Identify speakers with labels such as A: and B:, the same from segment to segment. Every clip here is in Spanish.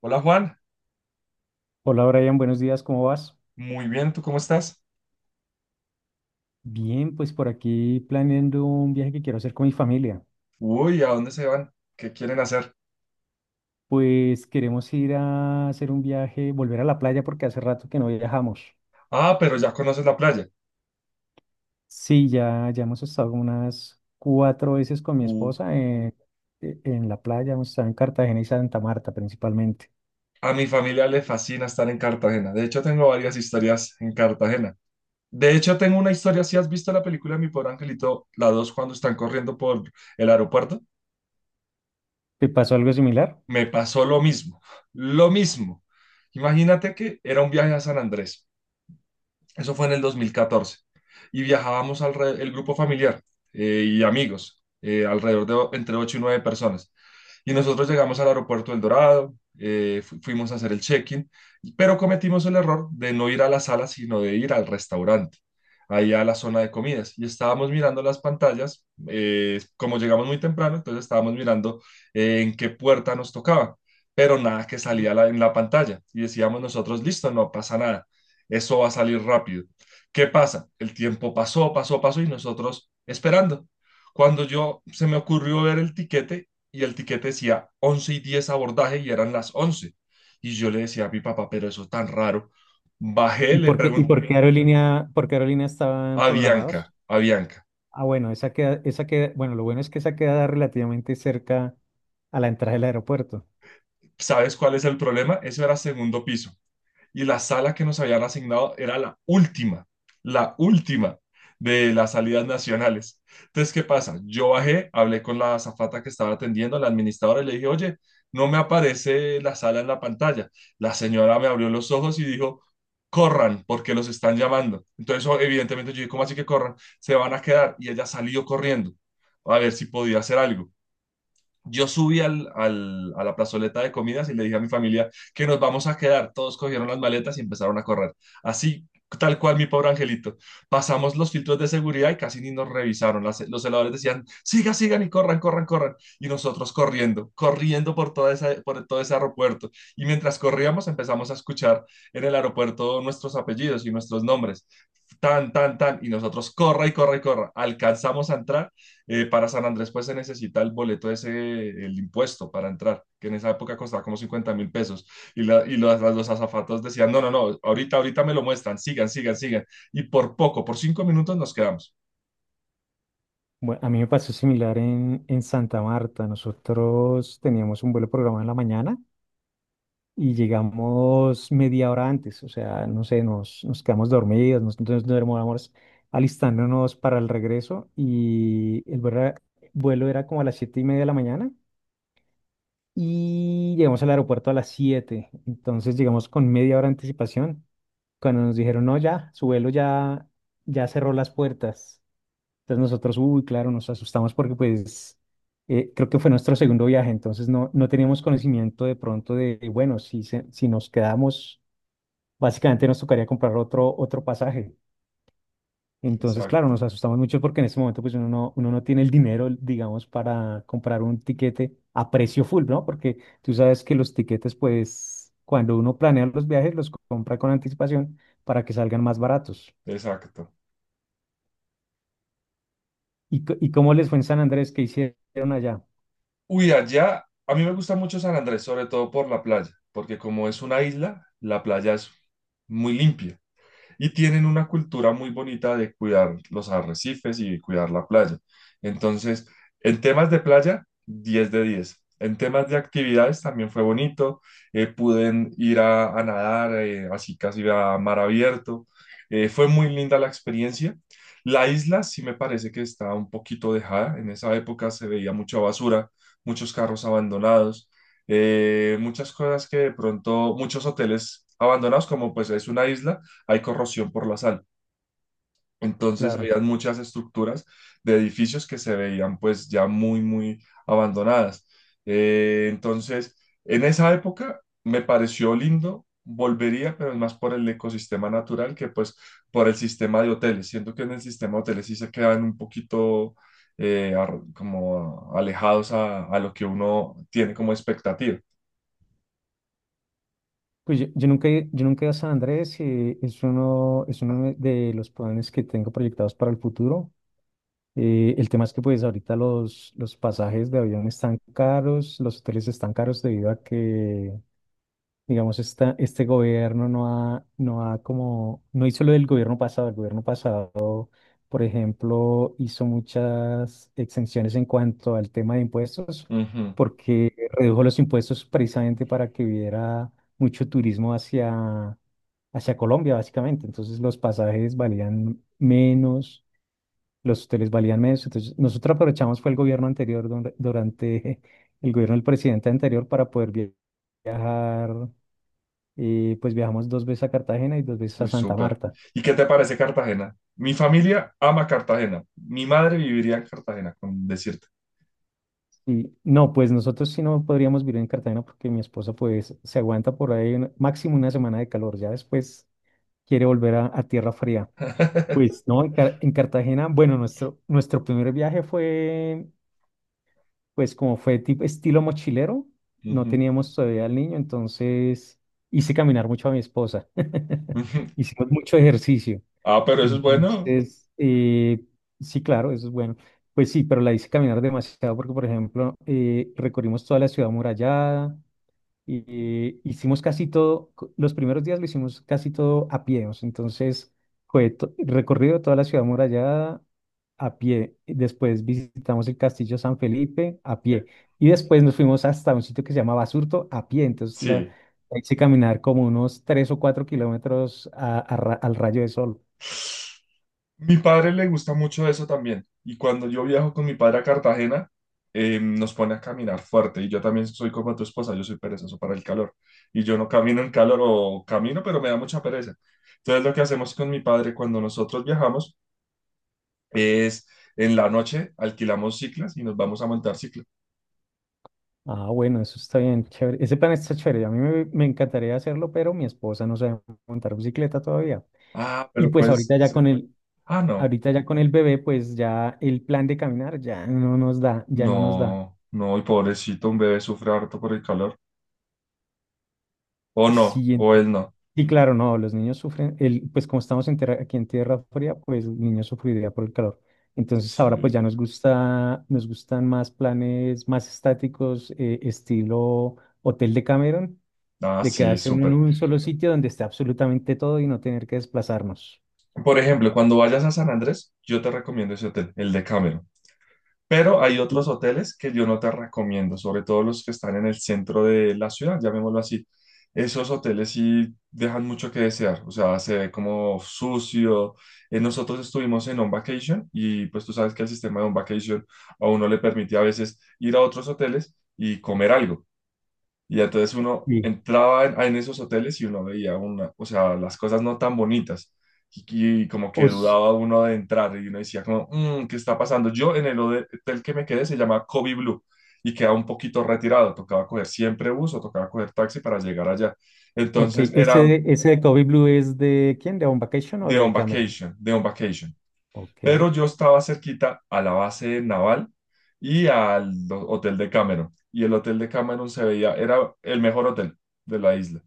A: Hola Juan,
B: Hola Brian, buenos días, ¿cómo vas?
A: muy bien, ¿tú cómo estás?
B: Bien, pues por aquí planeando un viaje que quiero hacer con mi familia.
A: Uy, ¿a dónde se van? ¿Qué quieren hacer?
B: Pues queremos ir a hacer un viaje, volver a la playa porque hace rato que no viajamos.
A: Ah, pero ya conoces la playa.
B: Sí, ya, ya hemos estado unas cuatro veces con mi
A: Uh,
B: esposa en la playa, hemos estado en Cartagena y Santa Marta principalmente.
A: a mi familia le fascina estar en Cartagena. De hecho, tengo varias historias en Cartagena. De hecho, tengo una historia, si has visto la película Mi Pobre Angelito, la 2, cuando están corriendo por el aeropuerto,
B: ¿Te pasó algo similar?
A: me pasó lo mismo, lo mismo. Imagínate que era un viaje a San Andrés. Eso fue en el 2014. Y viajábamos al el grupo familiar y amigos, alrededor de entre 8 y 9 personas. Y nosotros llegamos al aeropuerto El Dorado, fuimos a hacer el check-in, pero cometimos el error de no ir a la sala, sino de ir al restaurante, ahí a la zona de comidas. Y estábamos mirando las pantallas, como llegamos muy temprano, entonces estábamos mirando en qué puerta nos tocaba, pero nada que salía en la pantalla. Y decíamos nosotros, listo, no pasa nada, eso va a salir rápido. ¿Qué pasa? El tiempo pasó, pasó, pasó y nosotros esperando. Cuando yo se me ocurrió ver el tiquete y el tiquete decía 11:10 abordaje y eran las 11. Y yo le decía a mi papá, pero eso es tan raro. Bajé, le
B: Y
A: pregunté
B: por qué aerolínea estaban programados?
A: a Bianca,
B: Ah, bueno, esa queda, bueno, lo bueno es que esa queda relativamente cerca a la entrada del aeropuerto.
A: ¿sabes cuál es el problema? Eso era segundo piso. Y la sala que nos habían asignado era la última de las salidas nacionales. Entonces, ¿qué pasa? Yo bajé, hablé con la azafata que estaba atendiendo, la administradora, y le dije, oye, no me aparece la sala en la pantalla. La señora me abrió los ojos y dijo, corran, porque los están llamando. Entonces, evidentemente, yo dije, ¿cómo así que corran? Se van a quedar. Y ella salió corriendo a ver si podía hacer algo. Yo subí a la plazoleta de comidas y le dije a mi familia que nos vamos a quedar. Todos cogieron las maletas y empezaron a correr. Así, tal cual, mi pobre angelito. Pasamos los filtros de seguridad y casi ni nos revisaron. Los celadores decían, sigan, sigan y corran, corran, corran. Y nosotros corriendo, corriendo por, toda esa, por todo ese aeropuerto. Y mientras corríamos empezamos a escuchar en el aeropuerto nuestros apellidos y nuestros nombres. Tan, tan, tan. Y nosotros corra y corra y corra. Alcanzamos a entrar, para San Andrés, pues se necesita el boleto ese, el impuesto para entrar, que en esa época costaba como 50.000 pesos. Y, y los azafatos decían, no, no, no, ahorita, ahorita me lo muestran, sigan, sigan, sigan. Y por poco, por 5 minutos nos quedamos.
B: Bueno, a mí me pasó similar en Santa Marta. Nosotros teníamos un vuelo programado en la mañana y llegamos media hora antes. O sea, no sé, nos quedamos dormidos, entonces nos demoramos alistándonos para el regreso y el vuelo era como a las 7:30 de la mañana, y llegamos al aeropuerto a las 7. Entonces llegamos con media hora de anticipación. Cuando nos dijeron, no, ya, su vuelo ya, ya cerró las puertas. Entonces nosotros, uy, claro, nos asustamos porque pues creo que fue nuestro segundo viaje, entonces no teníamos conocimiento de pronto de, bueno, si nos quedamos, básicamente nos tocaría comprar otro pasaje. Entonces, claro, nos
A: Exacto,
B: asustamos mucho porque en este momento pues uno no tiene el dinero, digamos, para comprar un tiquete a precio full, ¿no? Porque tú sabes que los tiquetes pues cuando uno planea los viajes los compra con anticipación para que salgan más baratos.
A: exacto.
B: ¿Y cómo les fue en San Andrés? Que hicieron allá?
A: Uy, allá, a mí me gusta mucho San Andrés, sobre todo por la playa, porque como es una isla, la playa es muy limpia. Y tienen una cultura muy bonita de cuidar los arrecifes y cuidar la playa. Entonces, en temas de playa, 10 de 10. En temas de actividades también fue bonito. Pude ir a nadar, así casi a mar abierto. Fue muy linda la experiencia. La isla sí me parece que está un poquito dejada. En esa época se veía mucha basura, muchos carros abandonados, muchas cosas que de pronto, muchos hoteles abandonados, como pues es una isla, hay corrosión por la sal. Entonces
B: Claro.
A: había muchas estructuras de edificios que se veían pues ya muy, muy abandonadas. Entonces, en esa época me pareció lindo, volvería, pero es más por el ecosistema natural que pues por el sistema de hoteles. Siento que en el sistema de hoteles sí se quedan un poquito como alejados a lo que uno tiene como expectativa.
B: Pues yo nunca he ido a San Andrés, es uno de los planes que tengo proyectados para el futuro. El tema es que pues ahorita los pasajes de avión están caros, los hoteles están caros debido a que, digamos, este gobierno no hizo lo del gobierno pasado. El gobierno pasado, por ejemplo, hizo muchas exenciones en cuanto al tema de impuestos,
A: Ujú.
B: porque redujo los impuestos precisamente para que hubiera mucho turismo hacia Colombia, básicamente. Entonces los pasajes valían menos, los hoteles valían menos. Entonces nosotros aprovechamos fue el gobierno anterior, durante el gobierno del presidente anterior para poder viajar, y pues viajamos dos veces a Cartagena y dos veces a
A: Uy,
B: Santa
A: súper.
B: Marta.
A: ¿Y qué te parece Cartagena? Mi familia ama Cartagena. Mi madre viviría en Cartagena, con decirte.
B: Y no, pues nosotros sí no podríamos vivir en Cartagena porque mi esposa pues se aguanta por ahí máximo una semana de calor. Ya después quiere volver a tierra fría. Pues no, en Cartagena, bueno, nuestro primer viaje fue, pues como fue tipo estilo mochilero. No
A: Ujú,
B: teníamos todavía al niño, entonces hice caminar mucho a mi esposa.
A: ujú.
B: Hicimos mucho ejercicio.
A: Ah, pero eso es bueno.
B: Entonces, sí, claro, eso es bueno. Pues sí, pero la hice caminar demasiado porque, por ejemplo, recorrimos toda la ciudad amurallada, hicimos casi todo, los primeros días lo hicimos casi todo a pie, o sea, entonces fue recorrido toda la ciudad amurallada a pie, y después visitamos el castillo San Felipe a
A: Eh,
B: pie, y después nos fuimos hasta un sitio que se llama Basurto a pie, entonces la,
A: sí.
B: la hice caminar como unos 3 o 4 kilómetros al rayo de sol.
A: Mi padre le gusta mucho eso también. Y cuando yo viajo con mi padre a Cartagena, nos pone a caminar fuerte. Y yo también soy como tu esposa, yo soy perezoso para el calor. Y yo no camino en calor o camino, pero me da mucha pereza. Entonces lo que hacemos con mi padre cuando nosotros viajamos es en la noche alquilamos ciclas y nos vamos a montar cicla.
B: Ah, bueno, eso está bien, chévere. Ese plan está chévere. A mí me encantaría hacerlo, pero mi esposa no sabe montar bicicleta todavía.
A: Ah,
B: Y
A: pero
B: pues
A: pues,
B: ahorita ya
A: sí. Ah, no,
B: ahorita ya con el bebé, pues ya el plan de caminar ya no nos da, ya no nos da.
A: no, no, y pobrecito, un bebé sufre harto por el calor. O no,
B: Sí,
A: o él no.
B: y claro, no, los niños sufren, pues como estamos en aquí en tierra fría, pues los niños sufriría por el calor. Entonces ahora pues
A: Sí.
B: ya nos gustan más planes más estáticos, estilo Hotel de Cameron,
A: Ah,
B: de
A: sí,
B: quedarse uno en
A: súper.
B: un solo sitio donde esté absolutamente todo y no tener que desplazarnos.
A: Por ejemplo, cuando vayas a San Andrés, yo te recomiendo ese hotel, el de Cameron. Pero hay otros hoteles que yo no te recomiendo, sobre todo los que están en el centro de la ciudad, llamémoslo así. Esos hoteles sí dejan mucho que desear, o sea, se ve como sucio. Nosotros estuvimos en On Vacation y pues tú sabes que el sistema de On Vacation a uno le permite a veces ir a otros hoteles y comer algo. Y entonces uno
B: Sí.
A: entraba en esos hoteles y uno veía una, o sea, las cosas no tan bonitas. Y como que
B: Os,
A: dudaba uno de entrar y uno decía como, "Mm, ¿qué está pasando?" Yo en el hotel que me quedé se llama Kobe Blue y queda un poquito retirado. Tocaba coger siempre bus o tocaba coger taxi para llegar allá.
B: ok,
A: Entonces
B: ese,
A: era
B: de- ese de Kobe Blue es de quién, ¿de On Vacation o
A: de On
B: de Cameron?
A: Vacation, de On Vacation.
B: Ok.
A: Pero yo estaba cerquita a la base naval y al hotel de Cameron. Y el hotel de Cameron se veía, era el mejor hotel de la isla,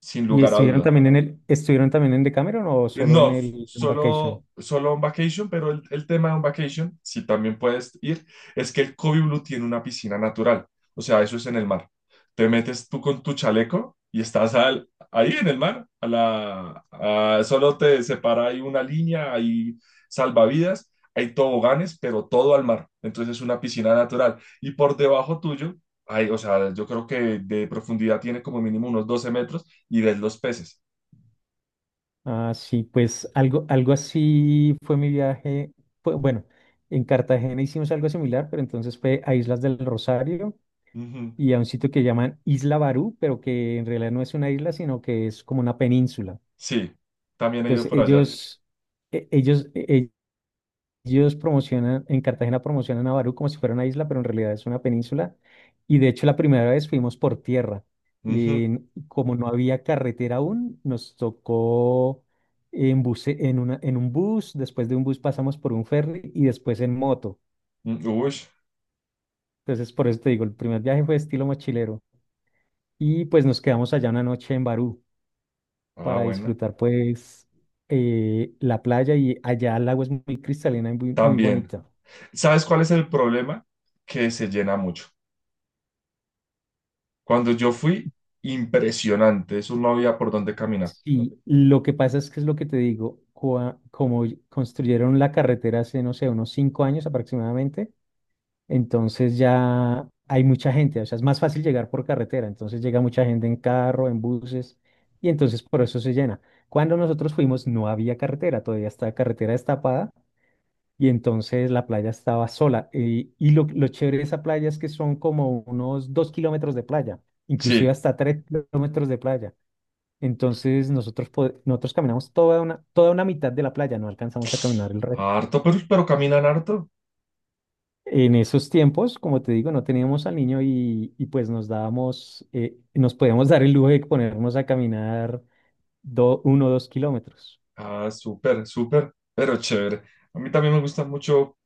A: sin
B: ¿Y
A: lugar a
B: estuvieron
A: duda.
B: también estuvieron también en Cameron o solo en
A: No,
B: el On
A: solo,
B: Vacation?
A: solo On Vacation, pero el tema de On Vacation, si también puedes ir, es que el Kobe Blue tiene una piscina natural, o sea, eso es en el mar. Te metes tú con tu chaleco y estás ahí en el mar, a la, solo te separa ahí una línea, hay salvavidas, hay toboganes, pero todo al mar, entonces es una piscina natural. Y por debajo tuyo, hay, o sea, yo creo que de profundidad tiene como mínimo unos 12 metros y ves los peces.
B: Ah, sí, pues algo así fue mi viaje. Fue, bueno, en Cartagena hicimos algo similar, pero entonces fue a Islas del Rosario y a un sitio que llaman Isla Barú, pero que en realidad no es una isla, sino que es como una península.
A: Sí, también he ido
B: Entonces
A: por allá.
B: e- ellos, e- ellos promocionan, en Cartagena promocionan a Barú como si fuera una isla, pero en realidad es una península. Y de hecho la primera vez fuimos por tierra. Y
A: Ujú,
B: como no había carretera aún, nos tocó en, buce- en, una- en un bus, después de un bus pasamos por un ferry y después en moto.
A: mm, ush,
B: Entonces por eso te digo, el primer viaje fue estilo mochilero. Y pues nos quedamos allá una noche en Barú
A: ah,
B: para
A: bueno.
B: disfrutar pues la playa, y allá el agua es muy cristalina y muy, muy
A: También.
B: bonita.
A: ¿Sabes cuál es el problema? Que se llena mucho. Cuando yo fui, impresionante. Eso no había por dónde caminar.
B: Y lo que pasa es que es lo que te digo, como construyeron la carretera hace, no sé, unos 5 años aproximadamente, entonces ya hay mucha gente, o sea, es más fácil llegar por carretera, entonces llega mucha gente en carro, en buses, y entonces por eso se llena. Cuando nosotros fuimos no había carretera, todavía estaba carretera destapada y entonces la playa estaba sola. Y lo chévere de esa playa es que son como unos 2 kilómetros de playa, inclusive
A: Sí,
B: hasta 3 kilómetros de playa. Entonces nosotros, nosotros caminamos toda una mitad de la playa, no alcanzamos a caminar el resto.
A: harto, pero caminan harto.
B: En esos tiempos, como te digo, no teníamos al niño y pues nos dábamos, nos podíamos dar el lujo de ponernos a caminar 1 o 2 kilómetros.
A: Ah, súper, súper, pero chévere. A mí también me gusta mucho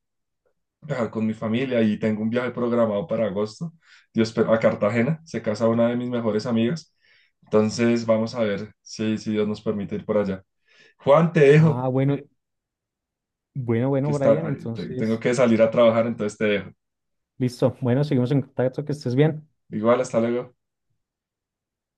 A: viajar con mi familia y tengo un viaje programado para agosto. Dios, pero a Cartagena. Se casa una de mis mejores amigas. Entonces, vamos a ver si, si Dios nos permite ir por allá. Juan, te dejo.
B: Ah, bueno, bueno,
A: Que
B: bueno,
A: está,
B: Brian,
A: tengo
B: entonces,
A: que salir a trabajar, entonces te dejo.
B: listo. Bueno, seguimos en contacto, que estés bien.
A: Igual, hasta luego.